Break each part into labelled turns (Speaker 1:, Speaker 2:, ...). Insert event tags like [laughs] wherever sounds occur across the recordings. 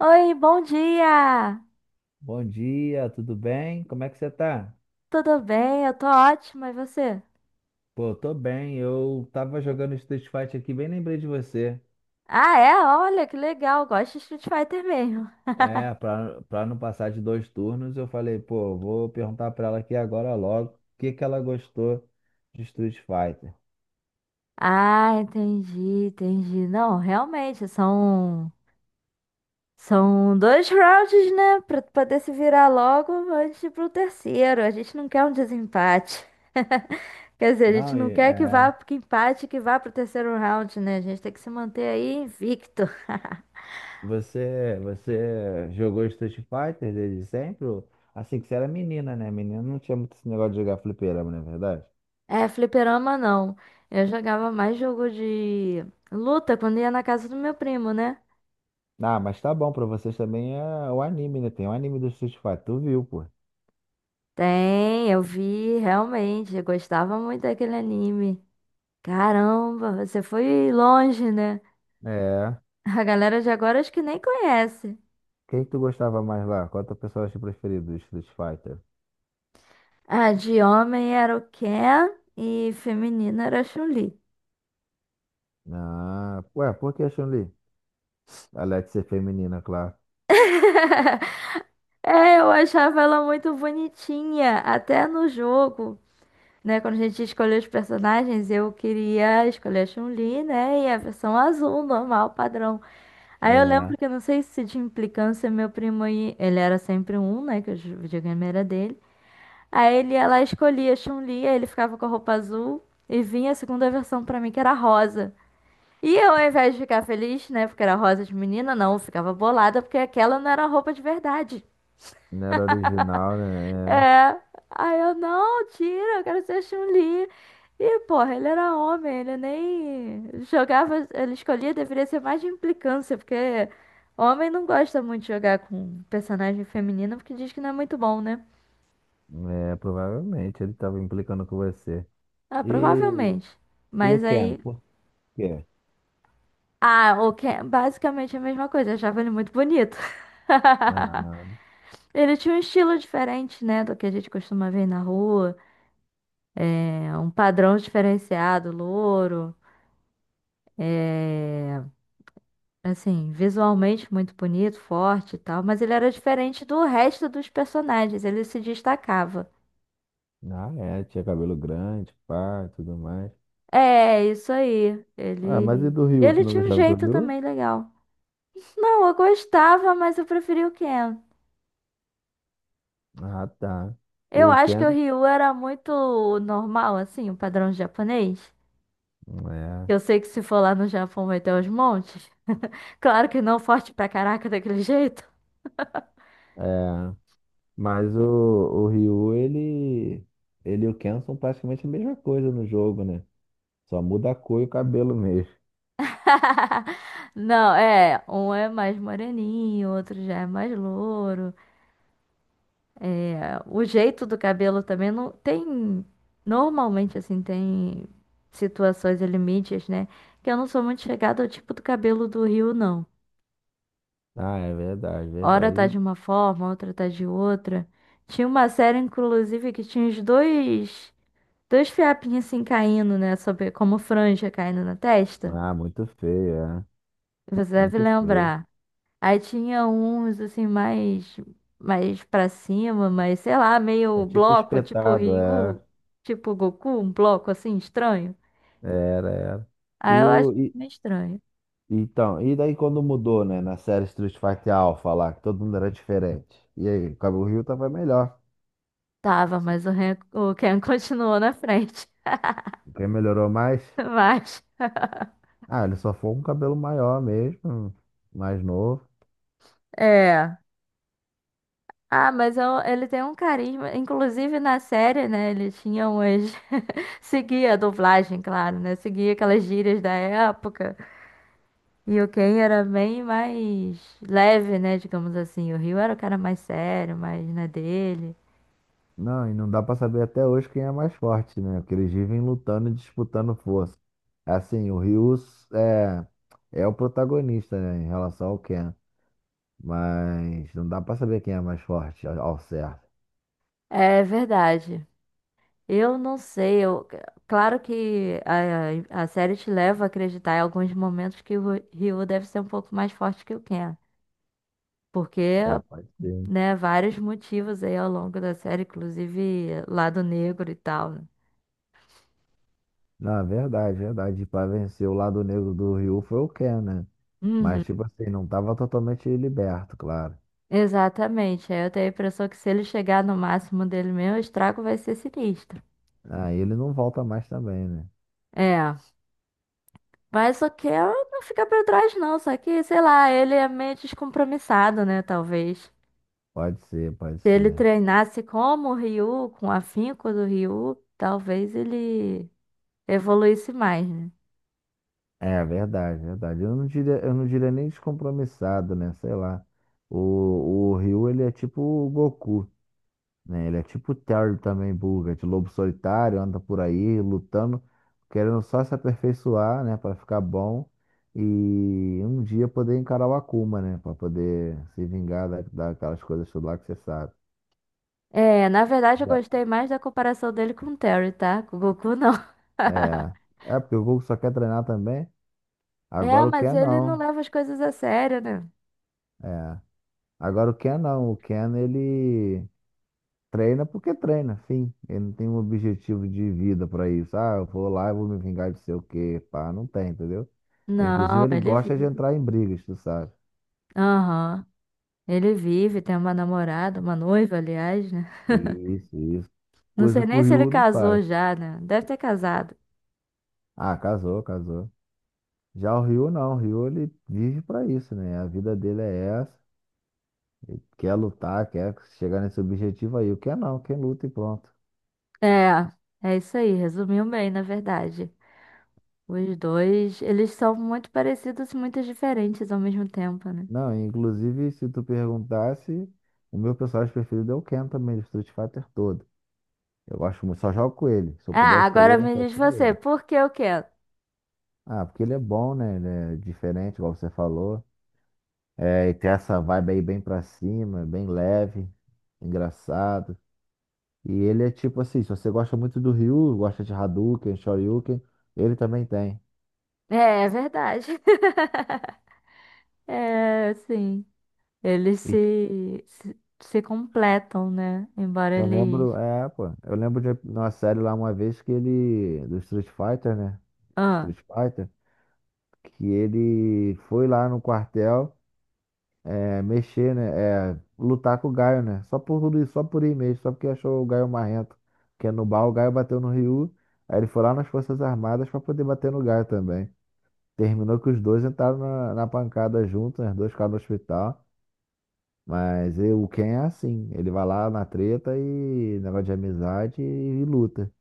Speaker 1: Oi, bom dia!
Speaker 2: Bom dia, tudo bem? Como é que você tá?
Speaker 1: Tudo bem? Eu tô ótima, e você?
Speaker 2: Pô, eu tô bem. Eu tava jogando Street Fighter aqui, bem lembrei de você.
Speaker 1: Ah, é? Olha, que legal, gosto de Street Fighter mesmo.
Speaker 2: É,
Speaker 1: [laughs]
Speaker 2: pra não passar de dois turnos, eu falei, pô, vou perguntar pra ela aqui agora logo o que que ela gostou de Street Fighter.
Speaker 1: Ah, entendi, entendi. Não, realmente, são dois rounds, né? Pra tu poder se virar logo antes de ir pro terceiro. A gente não quer um desempate. [laughs] Quer dizer, a gente
Speaker 2: Não,
Speaker 1: não
Speaker 2: e,
Speaker 1: quer que vá,
Speaker 2: é,
Speaker 1: que empate, que vá pro terceiro round, né? A gente tem que se manter aí invicto.
Speaker 2: Você jogou Street Fighter desde sempre? Assim que você era menina, né? Menina não tinha muito esse negócio de jogar fliperama, não é verdade?
Speaker 1: É, fliperama não. Eu jogava mais jogo de luta quando ia na casa do meu primo, né?
Speaker 2: Ah, mas tá bom, pra vocês também é o anime, né? Tem o anime do Street Fighter, tu viu, pô.
Speaker 1: Tem, eu vi, realmente. Eu gostava muito daquele anime. Caramba, você foi longe, né?
Speaker 2: É.
Speaker 1: [laughs] A galera de agora acho que nem conhece.
Speaker 2: Quem que tu gostava mais lá? Qual é o teu personagem preferido do Street Fighter?
Speaker 1: Ah, de homem era o Ken e feminina era a Chun-Li.
Speaker 2: Ah, ué, por que a Chun-Li? Além de ser feminina, claro.
Speaker 1: [laughs] É, eu achava ela muito bonitinha, até no jogo, né, quando a gente escolheu os personagens, eu queria escolher a Chun-Li, né, e a versão azul, normal, padrão. Aí eu lembro
Speaker 2: É,
Speaker 1: que, não sei se de implicância, meu primo, ele era sempre um, né, que o videogame era dele. Aí ele ia lá, escolhia a Chun-Li, aí ele ficava com a roupa azul e vinha a segunda versão pra mim, que era rosa. E eu, ao invés de ficar feliz, né, porque era rosa de menina, não, eu ficava bolada, porque aquela não era a roupa de verdade.
Speaker 2: não era original, né?
Speaker 1: É. Aí eu, não, tira, eu quero ser a Chun-Li. E, porra, ele era homem, ele nem jogava, ele escolhia, deveria ser mais de implicância, porque homem não gosta muito de jogar com personagem feminino, porque diz que não é muito bom, né?
Speaker 2: É, é, provavelmente ele tava implicando com você.
Speaker 1: Ah,
Speaker 2: E,
Speaker 1: provavelmente.
Speaker 2: e o
Speaker 1: Mas
Speaker 2: Ken,
Speaker 1: aí.
Speaker 2: por quê?
Speaker 1: Ah, o que é basicamente a mesma coisa, eu achava ele muito bonito. [laughs]
Speaker 2: Ah,
Speaker 1: Ele tinha um estilo diferente, né, do que a gente costuma ver na rua. É um padrão diferenciado, louro. É... Assim, visualmente muito bonito, forte e tal, mas ele era diferente do resto dos personagens, ele se destacava.
Speaker 2: ah, é, tinha cabelo grande, pá, e tudo mais.
Speaker 1: É, isso aí.
Speaker 2: Ah, mas e
Speaker 1: Ele.
Speaker 2: do
Speaker 1: E
Speaker 2: Ryu? Tu
Speaker 1: ele
Speaker 2: não
Speaker 1: tinha um
Speaker 2: gostava do
Speaker 1: jeito
Speaker 2: Ryu?
Speaker 1: também legal. Não, eu gostava, mas eu preferi o Ken.
Speaker 2: Ah, tá.
Speaker 1: Eu
Speaker 2: O
Speaker 1: acho que o
Speaker 2: Ken?
Speaker 1: Ryu era muito normal, assim, o padrão japonês. Eu sei que se for lá no Japão vai ter os montes. Claro que não forte pra caraca daquele jeito.
Speaker 2: É, é. Mas o Ryu, ele e o Ken são praticamente a mesma coisa no jogo, né? Só muda a cor e o cabelo mesmo.
Speaker 1: [laughs] Não, é, um é mais moreninho, outro já é mais louro. O jeito do cabelo também não tem. Normalmente, assim, tem situações e limites, né? Que eu não sou muito chegada ao tipo do cabelo do Rio, não.
Speaker 2: Ah, é verdade,
Speaker 1: Hora tá
Speaker 2: verdade.
Speaker 1: de uma forma, outra tá de outra. Tinha uma série, inclusive, que tinha os dois fiapinhos assim caindo, né? Sobre, como franja caindo na testa.
Speaker 2: Ah, muito feio, é.
Speaker 1: Você deve
Speaker 2: Muito feio.
Speaker 1: lembrar. Aí tinha uns assim mais para cima, mas sei lá,
Speaker 2: É
Speaker 1: meio
Speaker 2: tipo
Speaker 1: bloco, tipo
Speaker 2: espetado, é.
Speaker 1: Ryu, tipo Goku, um bloco assim estranho.
Speaker 2: Era, era. E
Speaker 1: Aí eu acho
Speaker 2: o. E,
Speaker 1: meio estranho.
Speaker 2: então, e daí quando mudou, né? Na série Street Fighter Alpha lá, que todo mundo era diferente. E aí, o cabelo Rio tava melhor.
Speaker 1: Tava, mas o Ken [laughs] continuou na frente. [laughs]
Speaker 2: Quem melhorou mais?
Speaker 1: Mas
Speaker 2: Ah, ele só foi um cabelo maior mesmo, mais novo.
Speaker 1: é. Ah, ele tem um carisma, inclusive na série, né? Ele tinha umas [laughs] seguia a dublagem, claro, né? Seguia aquelas gírias da época. E o Ken era bem mais leve, né? Digamos assim. O Rio era o cara mais sério, mais na dele.
Speaker 2: Não, e não dá pra saber até hoje quem é mais forte, né? Porque eles vivem lutando e disputando força. Assim, o Ryu é, é o protagonista, né, em relação ao Ken. Mas não dá pra saber quem é mais forte ao certo.
Speaker 1: É verdade. Eu não sei. Eu... Claro que a série te leva a acreditar em alguns momentos que o Rio deve ser um pouco mais forte que o Ken. Porque,
Speaker 2: É, pode ser.
Speaker 1: né, vários motivos aí ao longo da série, inclusive lado negro e tal, né?
Speaker 2: Não, é verdade, verdade. E pra vencer o lado negro do Ryu foi o Ken, né?
Speaker 1: Uhum.
Speaker 2: Mas, tipo assim, não tava totalmente liberto, claro.
Speaker 1: Exatamente. Aí eu tenho a impressão que se ele chegar no máximo dele mesmo, o estrago vai ser sinistro.
Speaker 2: Aí ele não volta mais também, né?
Speaker 1: É. Mas o que ela não fica pra trás, não. Só que, sei lá, ele é meio descompromissado, né? Talvez.
Speaker 2: Pode ser, pode
Speaker 1: Se ele
Speaker 2: ser.
Speaker 1: treinasse como o Ryu, com o afinco do Ryu, talvez ele evoluísse mais, né?
Speaker 2: É verdade, verdade. Eu não diria nem descompromissado, né? Sei lá. O, o Ryu, ele é tipo o Goku, né? Ele é tipo o Terry também, Buga, de lobo solitário, anda por aí lutando, querendo só se aperfeiçoar, né? Pra ficar bom e um dia poder encarar o Akuma, né? Pra poder se vingar daquelas coisas tudo lá que você sabe.
Speaker 1: É, na verdade eu
Speaker 2: Já-
Speaker 1: gostei mais da comparação dele com o Terry, tá? Com o Goku, não. [laughs]
Speaker 2: é, é porque o Goku só quer treinar também.
Speaker 1: É,
Speaker 2: Agora o
Speaker 1: mas
Speaker 2: Ken
Speaker 1: ele não
Speaker 2: não.
Speaker 1: leva as coisas a sério, né?
Speaker 2: É. Agora o Ken não. O Ken, ele. Treina porque treina, fim. Ele não tem um objetivo de vida pra isso. Ah, eu vou lá e vou me vingar de sei o quê, pá, não tem, entendeu? Inclusive,
Speaker 1: Não,
Speaker 2: ele
Speaker 1: ele
Speaker 2: gosta de
Speaker 1: vive.
Speaker 2: entrar em brigas, tu sabe?
Speaker 1: Aham. Ele vive, tem uma namorada, uma noiva, aliás, né?
Speaker 2: Isso, isso.
Speaker 1: Não sei
Speaker 2: Coisa que o
Speaker 1: nem se ele
Speaker 2: Ryu não
Speaker 1: casou
Speaker 2: faz.
Speaker 1: já, né? Deve ter casado.
Speaker 2: Ah, casou, casou. Já o Ryu não, o Ryu ele vive pra isso, né? A vida dele é essa. Ele quer lutar, quer chegar nesse objetivo aí. O que é não, quem luta e pronto.
Speaker 1: É, é isso aí, resumiu bem, na verdade. Os dois, eles são muito parecidos e muito diferentes ao mesmo tempo, né?
Speaker 2: Não, inclusive, se tu perguntasse, o meu personagem preferido é o Ken também, do Street Fighter todo. Eu gosto muito, só jogo com ele. Se eu puder
Speaker 1: Ah, agora
Speaker 2: escolher, eu
Speaker 1: me
Speaker 2: só
Speaker 1: diz
Speaker 2: escolher.
Speaker 1: você,
Speaker 2: Ele.
Speaker 1: por que o quê? É,
Speaker 2: Ah, porque ele é bom, né? Ele é diferente, igual você falou. É, e tem essa vibe aí bem pra cima, bem leve, engraçado. E ele é tipo assim, se você gosta muito do Ryu, gosta de Hadouken, Shoryuken, ele também tem.
Speaker 1: é verdade. [laughs] É, sim. Eles
Speaker 2: E
Speaker 1: se completam, né? Embora
Speaker 2: eu lembro,
Speaker 1: eles.
Speaker 2: é, pô, eu lembro de uma série lá uma vez que ele, do Street Fighter, né?
Speaker 1: Ah,
Speaker 2: Street Fighter, que ele foi lá no quartel. É, mexer, né? É, lutar com o Gaio, né? Só por tudo isso, só por ir mesmo, só porque achou o Gaio marrento. Porque no bar o Gaio bateu no Ryu, aí ele foi lá nas Forças Armadas pra poder bater no Gaio também. Terminou que os dois entraram na pancada juntos, né? Os dois ficaram no hospital. Mas e o Ken é assim, ele vai lá na treta e negócio de amizade e luta.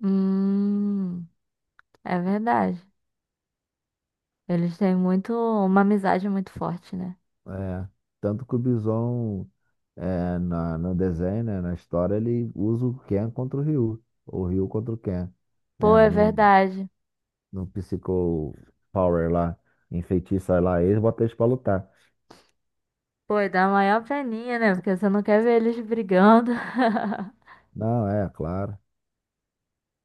Speaker 1: hum, é verdade. Eles têm muito, uma amizade muito forte, né?
Speaker 2: É, tanto que o Bison no desenho, né? Na história, ele usa o Ken contra o Ryu, ou o Ryu contra o Ken,
Speaker 1: Pô,
Speaker 2: né?
Speaker 1: é
Speaker 2: No,
Speaker 1: verdade.
Speaker 2: no Psycho Power lá, enfeitiça lá eles, bota eles pra lutar.
Speaker 1: Pô, e dá maior peninha, né? Porque você não quer ver eles brigando.
Speaker 2: Não, é, claro.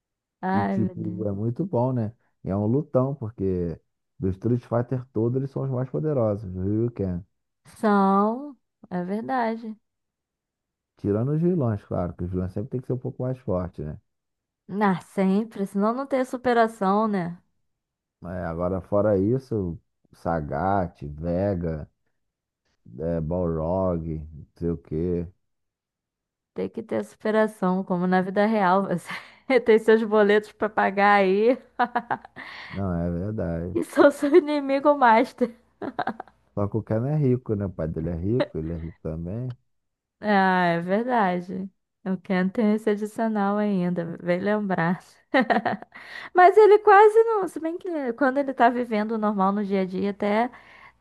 Speaker 1: [laughs]
Speaker 2: E
Speaker 1: Ai, meu
Speaker 2: tipo, é
Speaker 1: Deus.
Speaker 2: muito bom, né? E é um lutão, porque do Street Fighter todos, eles são os mais poderosos, o Ryuken.
Speaker 1: São, é verdade.
Speaker 2: Tirando os vilões, claro, que os vilões sempre tem que ser um pouco mais forte, né?
Speaker 1: Ah, sempre, senão não tem superação, né?
Speaker 2: É, agora, fora isso, Sagat, Vega, é, Balrog, não sei o quê.
Speaker 1: Tem que ter superação, como na vida real. Você [laughs] tem seus boletos pra pagar aí
Speaker 2: Não, é
Speaker 1: [laughs]
Speaker 2: verdade.
Speaker 1: e sou seu inimigo master.
Speaker 2: Só que o Ken é rico, né? O pai dele é rico, ele é rico também.
Speaker 1: Ah, é verdade. O Ken tem esse adicional ainda, bem lembrar. Mas ele quase não. Se bem que quando ele tá vivendo o normal no dia a dia, até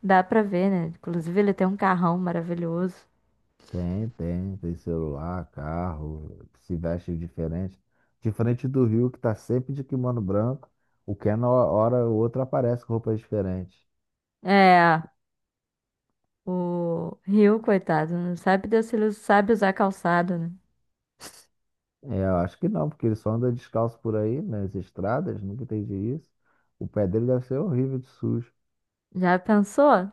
Speaker 1: dá pra ver, né? Inclusive, ele tem um carrão maravilhoso.
Speaker 2: Tem, tem, tem celular, carro, se veste diferente. Diferente do Rio, que tá sempre de kimono branco, o Ken, na hora ou outra, aparece com roupas diferentes.
Speaker 1: É, o Rio, coitado, não sabe Deus se ele sabe usar calçado, né?
Speaker 2: É, eu acho que não, porque ele só anda descalço por aí, nas estradas, nunca entendi isso. O pé dele deve ser horrível de sujo.
Speaker 1: Já pensou?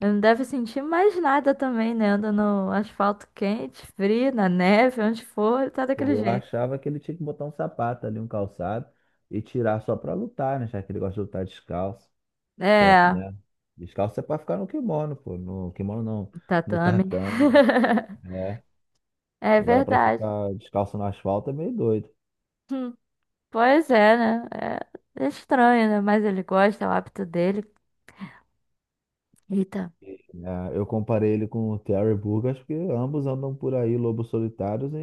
Speaker 1: Ele não deve sentir mais nada também, né? Anda no asfalto quente, frio, na neve, onde for, ele tá
Speaker 2: Pô,
Speaker 1: daquele
Speaker 2: eu
Speaker 1: jeito.
Speaker 2: achava que ele tinha que botar um sapato ali, um calçado, e tirar só pra lutar, né? Já que ele gosta de lutar descalço. Que é,
Speaker 1: É,
Speaker 2: né? Descalço é pra ficar no kimono, pô. No kimono não, no
Speaker 1: tatame.
Speaker 2: tatame.
Speaker 1: [laughs] É
Speaker 2: Agora, pra
Speaker 1: verdade.
Speaker 2: ficar descalço no asfalto é meio doido.
Speaker 1: Hum, Pois é, né? É estranho, né? Mas ele gosta, é o hábito dele. Eita.
Speaker 2: É, eu comparei ele com o Terry Burgess, porque ambos andam por aí, lobos solitários,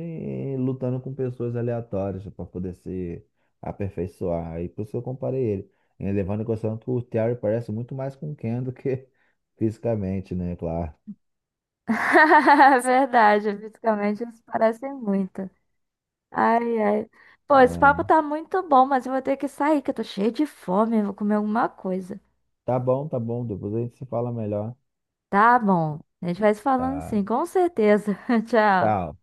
Speaker 2: e lutando com pessoas aleatórias para poder se aperfeiçoar. Aí por isso que eu comparei ele. E levando em consideração que o Terry parece muito mais com o Ken do que [laughs] fisicamente, né? Claro.
Speaker 1: [laughs] Verdade, fisicamente eles parecem muito. Ai, ai. Pô, esse papo
Speaker 2: É,
Speaker 1: tá muito bom, mas eu vou ter que sair, que eu tô cheia de fome, eu vou comer alguma coisa.
Speaker 2: tá bom, tá bom. Depois a gente se fala melhor.
Speaker 1: Tá bom. A gente vai se falando
Speaker 2: Tá.
Speaker 1: sim, com certeza. [laughs] Tchau.
Speaker 2: Tchau.